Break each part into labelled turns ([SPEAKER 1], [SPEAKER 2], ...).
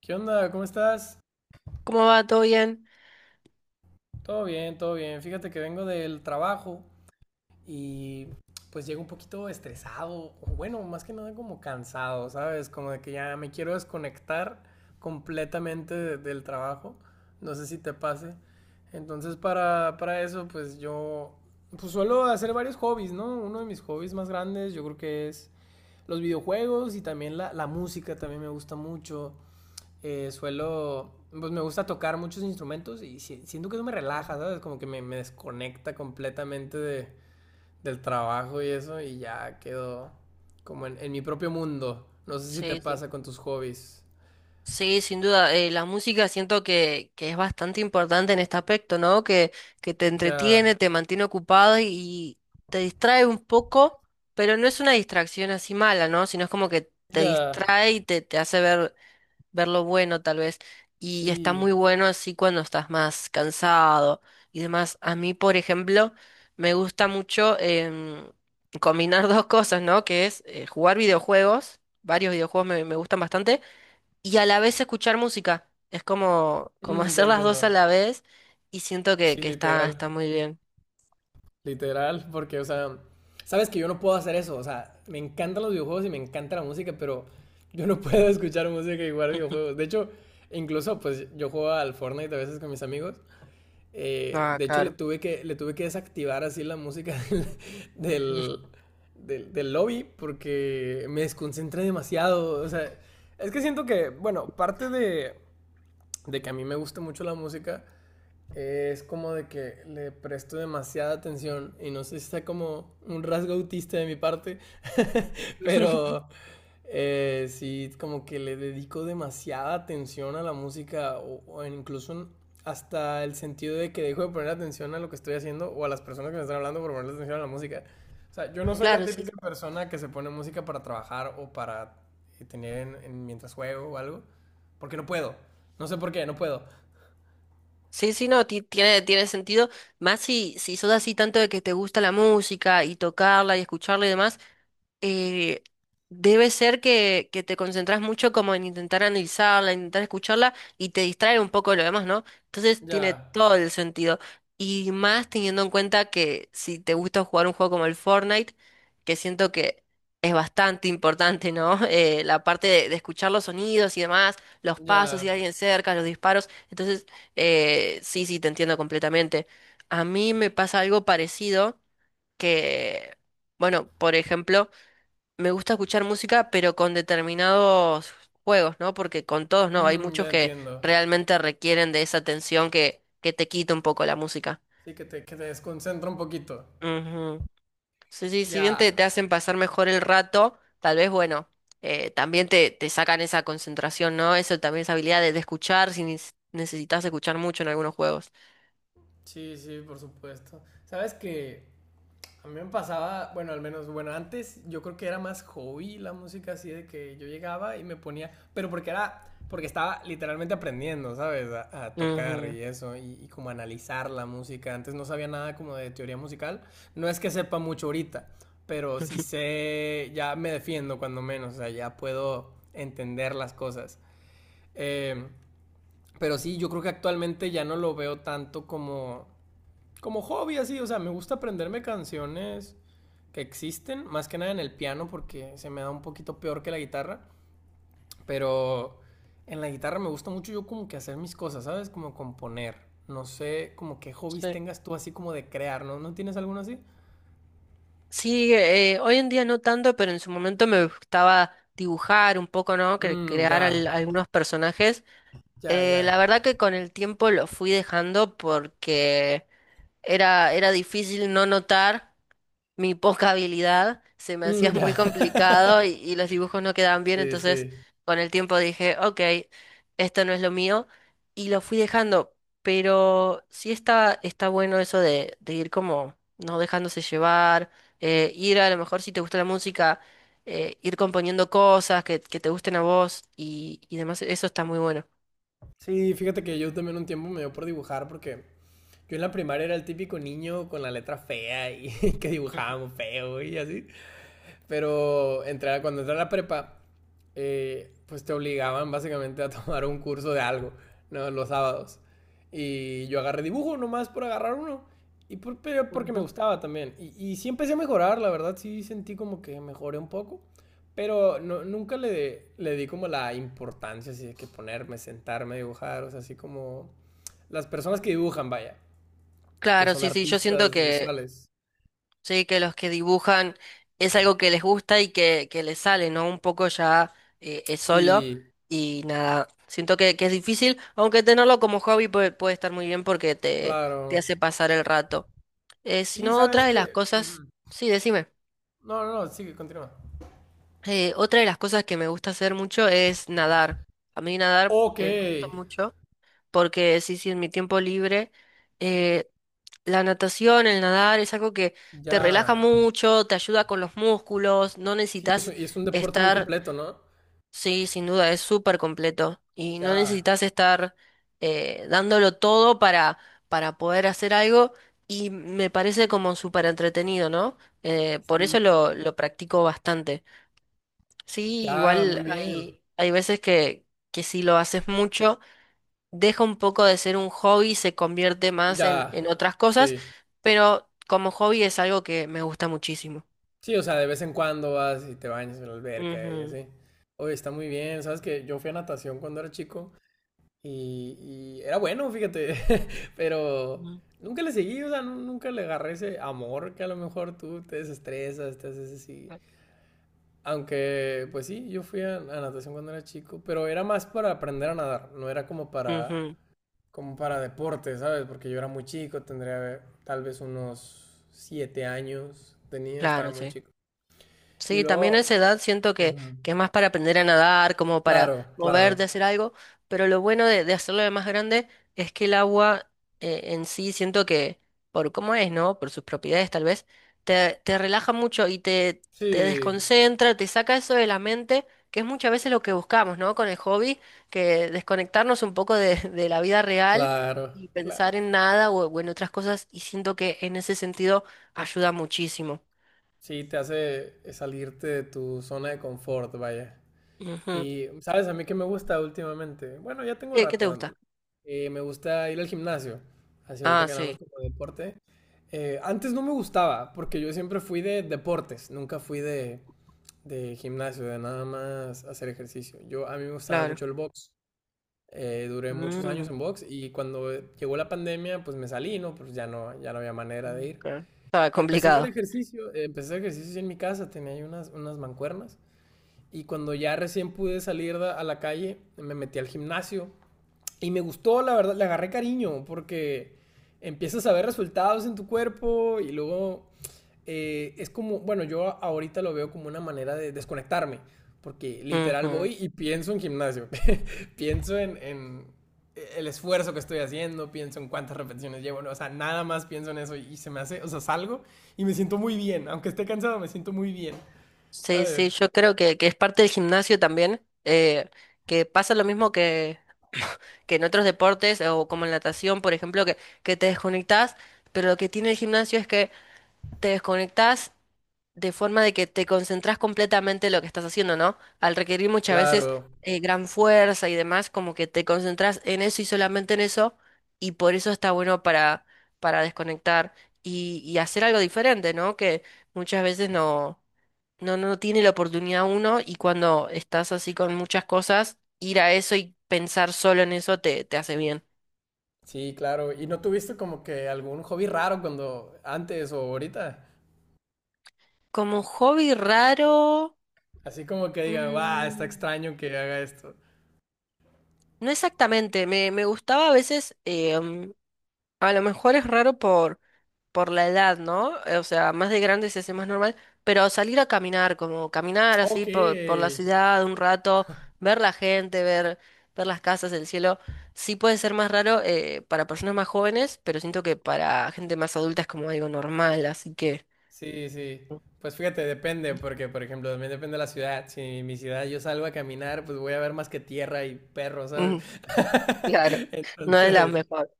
[SPEAKER 1] ¿Qué onda? ¿Cómo estás?
[SPEAKER 2] ¿Cómo va? ¿Todo bien?
[SPEAKER 1] Todo bien, todo bien. Fíjate que vengo del trabajo y pues llego un poquito estresado, o bueno, más que nada como cansado, ¿sabes? Como de que ya me quiero desconectar completamente del trabajo. No sé si te pase. Entonces para eso pues yo pues suelo hacer varios hobbies, ¿no? Uno de mis hobbies más grandes yo creo que es los videojuegos y también la música también me gusta mucho. Suelo, pues me gusta tocar muchos instrumentos y siento que eso me relaja, ¿sabes? Como que me desconecta completamente del trabajo y eso y ya quedo como en mi propio mundo. No sé si te
[SPEAKER 2] Sí, sí.
[SPEAKER 1] pasa con tus hobbies.
[SPEAKER 2] Sí, sin duda. La música siento que es bastante importante en este aspecto, ¿no? Que te
[SPEAKER 1] Ya,
[SPEAKER 2] entretiene, te mantiene ocupado y te distrae un poco, pero no es una distracción así mala, ¿no? Sino es como que te
[SPEAKER 1] ya,
[SPEAKER 2] distrae y te hace ver lo bueno tal vez. Y está
[SPEAKER 1] sí.
[SPEAKER 2] muy bueno así cuando estás más cansado y demás. A mí, por ejemplo, me gusta mucho combinar dos cosas, ¿no? Que es jugar videojuegos, varios videojuegos me gustan bastante, y a la vez escuchar música. Es como, como
[SPEAKER 1] Mm, ya
[SPEAKER 2] hacer las dos a
[SPEAKER 1] entiendo.
[SPEAKER 2] la vez y siento que,
[SPEAKER 1] Sí,
[SPEAKER 2] que está,
[SPEAKER 1] literal.
[SPEAKER 2] está muy bien.
[SPEAKER 1] Literal, porque, o sea, sabes que yo no puedo hacer eso, o sea, me encantan los videojuegos y me encanta la música, pero yo no puedo escuchar música y jugar videojuegos. De hecho, incluso, pues, yo juego al Fortnite a veces con mis amigos.
[SPEAKER 2] Ah,
[SPEAKER 1] De hecho,
[SPEAKER 2] claro.
[SPEAKER 1] le tuve que desactivar así la música del, del, del lobby porque me desconcentra demasiado. O sea, es que siento que, bueno, parte de que a mí me gusta mucho la música es como de que le presto demasiada atención y no sé si sea como un rasgo autista de mi parte, pero sí como que le dedico demasiada atención a la música o incluso hasta el sentido de que dejo de poner atención a lo que estoy haciendo o a las personas que me están hablando por ponerle atención a la música. O sea, yo no soy la
[SPEAKER 2] Claro, sí,
[SPEAKER 1] típica
[SPEAKER 2] sí.
[SPEAKER 1] persona que se pone música para trabajar o para tener mientras juego o algo, porque no puedo. No sé por qué, no puedo.
[SPEAKER 2] Sí, sí, no, tiene, tiene sentido. Más si, si sos así tanto de que te gusta la música y tocarla y escucharla y demás, eh, debe ser que te concentras mucho como en intentar analizarla, intentar escucharla y te distrae un poco de lo demás, ¿no? Entonces tiene
[SPEAKER 1] Ya.
[SPEAKER 2] todo el sentido. Y más teniendo en cuenta que si te gusta jugar un juego como el Fortnite, que siento que es bastante importante, ¿no? La parte de escuchar los sonidos y demás, los pasos, si
[SPEAKER 1] Ya.
[SPEAKER 2] hay alguien cerca, los disparos. Entonces, sí, sí, te entiendo completamente. A mí me pasa algo parecido que, bueno, por ejemplo, me gusta escuchar música, pero con determinados juegos, ¿no? Porque con todos no, hay
[SPEAKER 1] Mm,
[SPEAKER 2] muchos
[SPEAKER 1] ya
[SPEAKER 2] que
[SPEAKER 1] entiendo.
[SPEAKER 2] realmente requieren de esa atención que te quita un poco la música.
[SPEAKER 1] Sí, que te desconcentra un poquito.
[SPEAKER 2] Ujú. Sí, sí, si bien te,
[SPEAKER 1] Ya.
[SPEAKER 2] te hacen pasar mejor el rato, tal vez, bueno, también te sacan esa concentración, ¿no? Eso también, esa habilidad de escuchar, si necesitas escuchar mucho en algunos juegos.
[SPEAKER 1] Sí, sí, por supuesto. Sabes que a mí me pasaba, bueno, al menos, bueno, antes yo creo que era más hobby la música, así de que yo llegaba y me ponía, pero porque era, porque estaba literalmente aprendiendo, ¿sabes? A tocar
[SPEAKER 2] Ujú.
[SPEAKER 1] y eso, y como analizar la música. Antes no sabía nada como de teoría musical. No es que sepa mucho ahorita, pero sí sé, ya me defiendo cuando menos, o sea, ya puedo entender las cosas. Eh, pero sí, yo creo que actualmente ya no lo veo tanto como, como hobby, así. O sea, me gusta aprenderme canciones que existen, más que nada en el piano, porque se me da un poquito peor que la guitarra. Pero en la guitarra me gusta mucho yo como que hacer mis cosas, ¿sabes? Como componer. No sé, como qué hobbies
[SPEAKER 2] Sí,
[SPEAKER 1] tengas tú así como de crear, ¿no? ¿No tienes alguno así?
[SPEAKER 2] sí, hoy en día no tanto, pero en su momento me gustaba dibujar un poco, ¿no?
[SPEAKER 1] Mmm, ya,
[SPEAKER 2] Crear algunos personajes.
[SPEAKER 1] ya, ya.
[SPEAKER 2] La verdad que con el tiempo lo fui dejando porque era, era difícil no notar mi poca habilidad, se me
[SPEAKER 1] Mm,
[SPEAKER 2] hacía
[SPEAKER 1] ya.
[SPEAKER 2] muy complicado y los dibujos no quedaban bien,
[SPEAKER 1] Sí,
[SPEAKER 2] entonces
[SPEAKER 1] sí.
[SPEAKER 2] con el tiempo dije, ok, esto no es lo mío y lo fui dejando, pero sí está, está bueno eso de ir como no dejándose llevar, ir a lo mejor si te gusta la música, ir componiendo cosas que te gusten a vos y demás, eso está muy bueno.
[SPEAKER 1] Sí, fíjate que yo también un tiempo me dio por dibujar porque yo en la primaria era el típico niño con la letra fea y que dibujábamos feo y así. Pero entré cuando entré a la prepa, pues te obligaban básicamente a tomar un curso de algo, ¿no? Los sábados. Y yo agarré dibujo nomás por agarrar uno. Y por, pero porque me gustaba también. Y sí empecé a mejorar, la verdad, sí sentí como que mejoré un poco. Pero nunca le di como la importancia así de que ponerme, sentarme, dibujar, o sea, así como las personas que dibujan, vaya que
[SPEAKER 2] Claro,
[SPEAKER 1] son
[SPEAKER 2] sí, sí, yo siento
[SPEAKER 1] artistas
[SPEAKER 2] que
[SPEAKER 1] visuales.
[SPEAKER 2] sí, que los que dibujan es algo que les gusta y que les sale, ¿no? Un poco ya es solo
[SPEAKER 1] Sí,
[SPEAKER 2] y nada, siento que es difícil, aunque tenerlo como hobby puede, puede estar muy bien porque te
[SPEAKER 1] claro.
[SPEAKER 2] hace pasar el rato. Si
[SPEAKER 1] Sí,
[SPEAKER 2] no,
[SPEAKER 1] sabes
[SPEAKER 2] otra de las
[SPEAKER 1] que.
[SPEAKER 2] cosas,
[SPEAKER 1] Ujú.
[SPEAKER 2] sí, decime.
[SPEAKER 1] No, no, no, sigue, continúa.
[SPEAKER 2] Otra de las cosas que me gusta hacer mucho es nadar. A mí nadar
[SPEAKER 1] Ok,
[SPEAKER 2] me gusta mucho, porque sí, sí, en mi tiempo libre, eh, la natación, el nadar es algo que te
[SPEAKER 1] ya.
[SPEAKER 2] relaja mucho, te ayuda con los músculos, no
[SPEAKER 1] Sí,
[SPEAKER 2] necesitas
[SPEAKER 1] y es un deporte muy
[SPEAKER 2] estar,
[SPEAKER 1] completo, ¿no?
[SPEAKER 2] sí, sin duda, es súper completo y no
[SPEAKER 1] Ya.
[SPEAKER 2] necesitas estar dándolo todo para poder hacer algo y me parece como súper entretenido, ¿no? Por
[SPEAKER 1] Sí.
[SPEAKER 2] eso lo practico bastante. Sí,
[SPEAKER 1] Ya, muy
[SPEAKER 2] igual
[SPEAKER 1] bien.
[SPEAKER 2] hay, hay veces que si lo haces mucho deja un poco de ser un hobby, y se convierte más en
[SPEAKER 1] Ya.
[SPEAKER 2] otras cosas,
[SPEAKER 1] Sí.
[SPEAKER 2] pero como hobby es algo que me gusta muchísimo.
[SPEAKER 1] Sí, o sea, de vez en cuando vas y te bañas en la alberca y
[SPEAKER 2] Ujú,
[SPEAKER 1] así. Oye, está muy bien. Sabes que yo fui a natación cuando era chico. Y, y era bueno, fíjate, pero
[SPEAKER 2] ujú,
[SPEAKER 1] nunca le seguí, o sea, nunca le agarré ese amor que a lo mejor tú te desestresas, te haces así. Aunque, pues sí, yo fui a natación cuando era chico, pero era más para aprender a nadar, no era como para,
[SPEAKER 2] ujú,
[SPEAKER 1] como para deporte, ¿sabes? Porque yo era muy chico, tendría tal vez unos 7 años, tenía, estaba
[SPEAKER 2] claro,
[SPEAKER 1] muy
[SPEAKER 2] sí.
[SPEAKER 1] chico. Y
[SPEAKER 2] Sí, también a
[SPEAKER 1] luego,
[SPEAKER 2] esa edad siento
[SPEAKER 1] ujú,
[SPEAKER 2] que es más para aprender a nadar, como para
[SPEAKER 1] claro,
[SPEAKER 2] moverte,
[SPEAKER 1] claro,
[SPEAKER 2] hacer algo, pero lo bueno de hacerlo de más grande es que el agua en sí siento que, por cómo es, ¿no? Por sus propiedades tal vez, te relaja mucho y te
[SPEAKER 1] sí,
[SPEAKER 2] desconcentra, te saca eso de la mente, que es muchas veces lo que buscamos, ¿no? Con el hobby, que desconectarnos un poco de, de la vida real
[SPEAKER 1] claro,
[SPEAKER 2] y
[SPEAKER 1] claro.
[SPEAKER 2] pensar en nada o, o en otras cosas, y siento que en ese sentido ayuda muchísimo.
[SPEAKER 1] Sí, te hace salirte de tu zona de confort, vaya.
[SPEAKER 2] Ujú.
[SPEAKER 1] Y, ¿sabes? A mí que me gusta últimamente. Bueno, ya tengo
[SPEAKER 2] ¿Qué, qué
[SPEAKER 1] rato
[SPEAKER 2] te
[SPEAKER 1] dándole.
[SPEAKER 2] gusta?
[SPEAKER 1] Me gusta ir al gimnasio, así ahorita
[SPEAKER 2] Ah,
[SPEAKER 1] que hablamos
[SPEAKER 2] sí,
[SPEAKER 1] como de deporte. Antes no me gustaba, porque yo siempre fui de deportes, nunca fui de gimnasio, de nada más hacer ejercicio. Yo, a mí me gustaba
[SPEAKER 2] claro.
[SPEAKER 1] mucho el box. Duré muchos años
[SPEAKER 2] Mm.
[SPEAKER 1] en box y cuando llegó la pandemia, pues me salí, ¿no? Pues ya no, ya no había manera de ir.
[SPEAKER 2] Ok, estaba
[SPEAKER 1] Y empecé a hacer
[SPEAKER 2] complicado.
[SPEAKER 1] ejercicio, empecé a hacer ejercicio en mi casa, tenía ahí unas, unas mancuernas. Y cuando ya recién pude salir a la calle, me metí al gimnasio. Y me gustó, la verdad, le agarré cariño, porque empiezas a ver resultados en tu cuerpo y luego es como, bueno, yo ahorita lo veo como una manera de desconectarme, porque literal
[SPEAKER 2] Ujú.
[SPEAKER 1] voy y pienso en gimnasio, pienso en el esfuerzo que estoy haciendo, pienso en cuántas repeticiones llevo, no, o sea, nada más pienso en eso y se me hace, o sea, salgo y me siento muy bien, aunque esté cansado, me siento muy bien,
[SPEAKER 2] Sí, sí,
[SPEAKER 1] ¿sabes?
[SPEAKER 2] yo creo que es parte del gimnasio también, que pasa lo mismo que, que en otros deportes o como en natación, por ejemplo, que te desconectás, pero lo que tiene el gimnasio es que te desconectás de forma de que te concentras completamente en lo que estás haciendo, ¿no? Al requerir muchas veces
[SPEAKER 1] Claro,
[SPEAKER 2] gran fuerza y demás, como que te concentras en eso y solamente en eso, y por eso está bueno para desconectar y hacer algo diferente, ¿no? Que muchas veces no, no, no tiene la oportunidad uno y cuando estás así con muchas cosas, ir a eso y pensar solo en eso te hace bien.
[SPEAKER 1] sí, claro. ¿Y no tuviste como que algún hobby raro cuando antes o ahorita?
[SPEAKER 2] Como hobby raro...
[SPEAKER 1] Así como que diga, va, está
[SPEAKER 2] mm,
[SPEAKER 1] extraño que haga esto.
[SPEAKER 2] no exactamente, me gustaba a veces, a lo mejor es raro por la edad, ¿no? O sea, más de grande se hace más normal, pero salir a caminar, como caminar así
[SPEAKER 1] Ok.
[SPEAKER 2] por la ciudad un rato, ver la gente, ver, ver las casas, el cielo, sí puede ser más raro para personas más jóvenes, pero siento que para gente más adulta es como algo normal, así que...
[SPEAKER 1] Sí, sí. Pues fíjate, depende, porque por ejemplo, también depende de la ciudad. Si en mi ciudad yo salgo a caminar, pues voy a ver más que tierra y perros, ¿sabes?
[SPEAKER 2] mm, claro, no es la
[SPEAKER 1] Entonces,
[SPEAKER 2] mejor.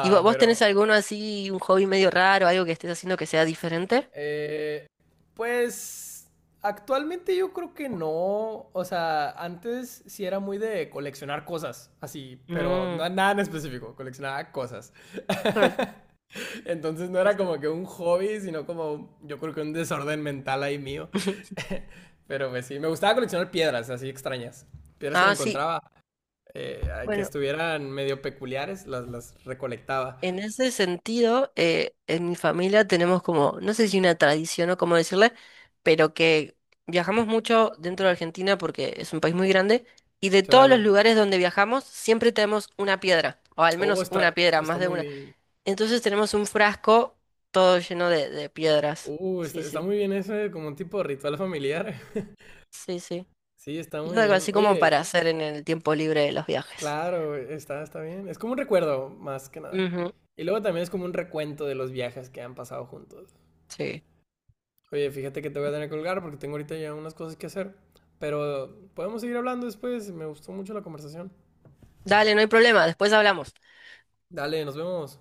[SPEAKER 2] ¿Y vos tenés
[SPEAKER 1] pero
[SPEAKER 2] alguno así, un hobby medio raro, algo que estés haciendo que sea diferente?
[SPEAKER 1] eh, pues actualmente yo creo que no. O sea, antes sí era muy de coleccionar cosas, así, pero
[SPEAKER 2] Mm,
[SPEAKER 1] no nada en específico, coleccionaba cosas.
[SPEAKER 2] claro.
[SPEAKER 1] Entonces no era
[SPEAKER 2] Es que-
[SPEAKER 1] como que un hobby, sino como yo creo que un desorden mental ahí mío. Pero pues sí, me gustaba coleccionar piedras así extrañas. Piedras que me
[SPEAKER 2] Ah, sí.
[SPEAKER 1] encontraba, eh, que
[SPEAKER 2] Bueno,
[SPEAKER 1] estuvieran medio peculiares, las recolectaba.
[SPEAKER 2] en ese sentido, en mi familia tenemos como, no sé si una tradición o cómo decirle, pero que viajamos mucho dentro de Argentina porque es un país muy grande y de todos los
[SPEAKER 1] Claro.
[SPEAKER 2] lugares donde viajamos siempre tenemos una piedra, o al
[SPEAKER 1] Oh,
[SPEAKER 2] menos
[SPEAKER 1] está,
[SPEAKER 2] una piedra,
[SPEAKER 1] está
[SPEAKER 2] más de
[SPEAKER 1] muy
[SPEAKER 2] una.
[SPEAKER 1] bien.
[SPEAKER 2] Entonces tenemos un frasco todo lleno de piedras.
[SPEAKER 1] Está,
[SPEAKER 2] Sí,
[SPEAKER 1] está
[SPEAKER 2] sí,
[SPEAKER 1] muy bien eso, como un tipo de ritual familiar.
[SPEAKER 2] sí, sí.
[SPEAKER 1] Sí, está
[SPEAKER 2] Y
[SPEAKER 1] muy
[SPEAKER 2] algo
[SPEAKER 1] bien.
[SPEAKER 2] así como
[SPEAKER 1] Oye,
[SPEAKER 2] para hacer en el tiempo libre de los viajes.
[SPEAKER 1] claro, está, está bien. Es como un recuerdo, más que nada.
[SPEAKER 2] Ujú,
[SPEAKER 1] Y luego también es como un recuento de los viajes que han pasado juntos.
[SPEAKER 2] sí.
[SPEAKER 1] Oye, fíjate que te voy a tener que colgar porque tengo ahorita ya unas cosas que hacer. Pero podemos seguir hablando después. Me gustó mucho la conversación.
[SPEAKER 2] Dale, no hay problema, después hablamos.
[SPEAKER 1] Dale, nos vemos.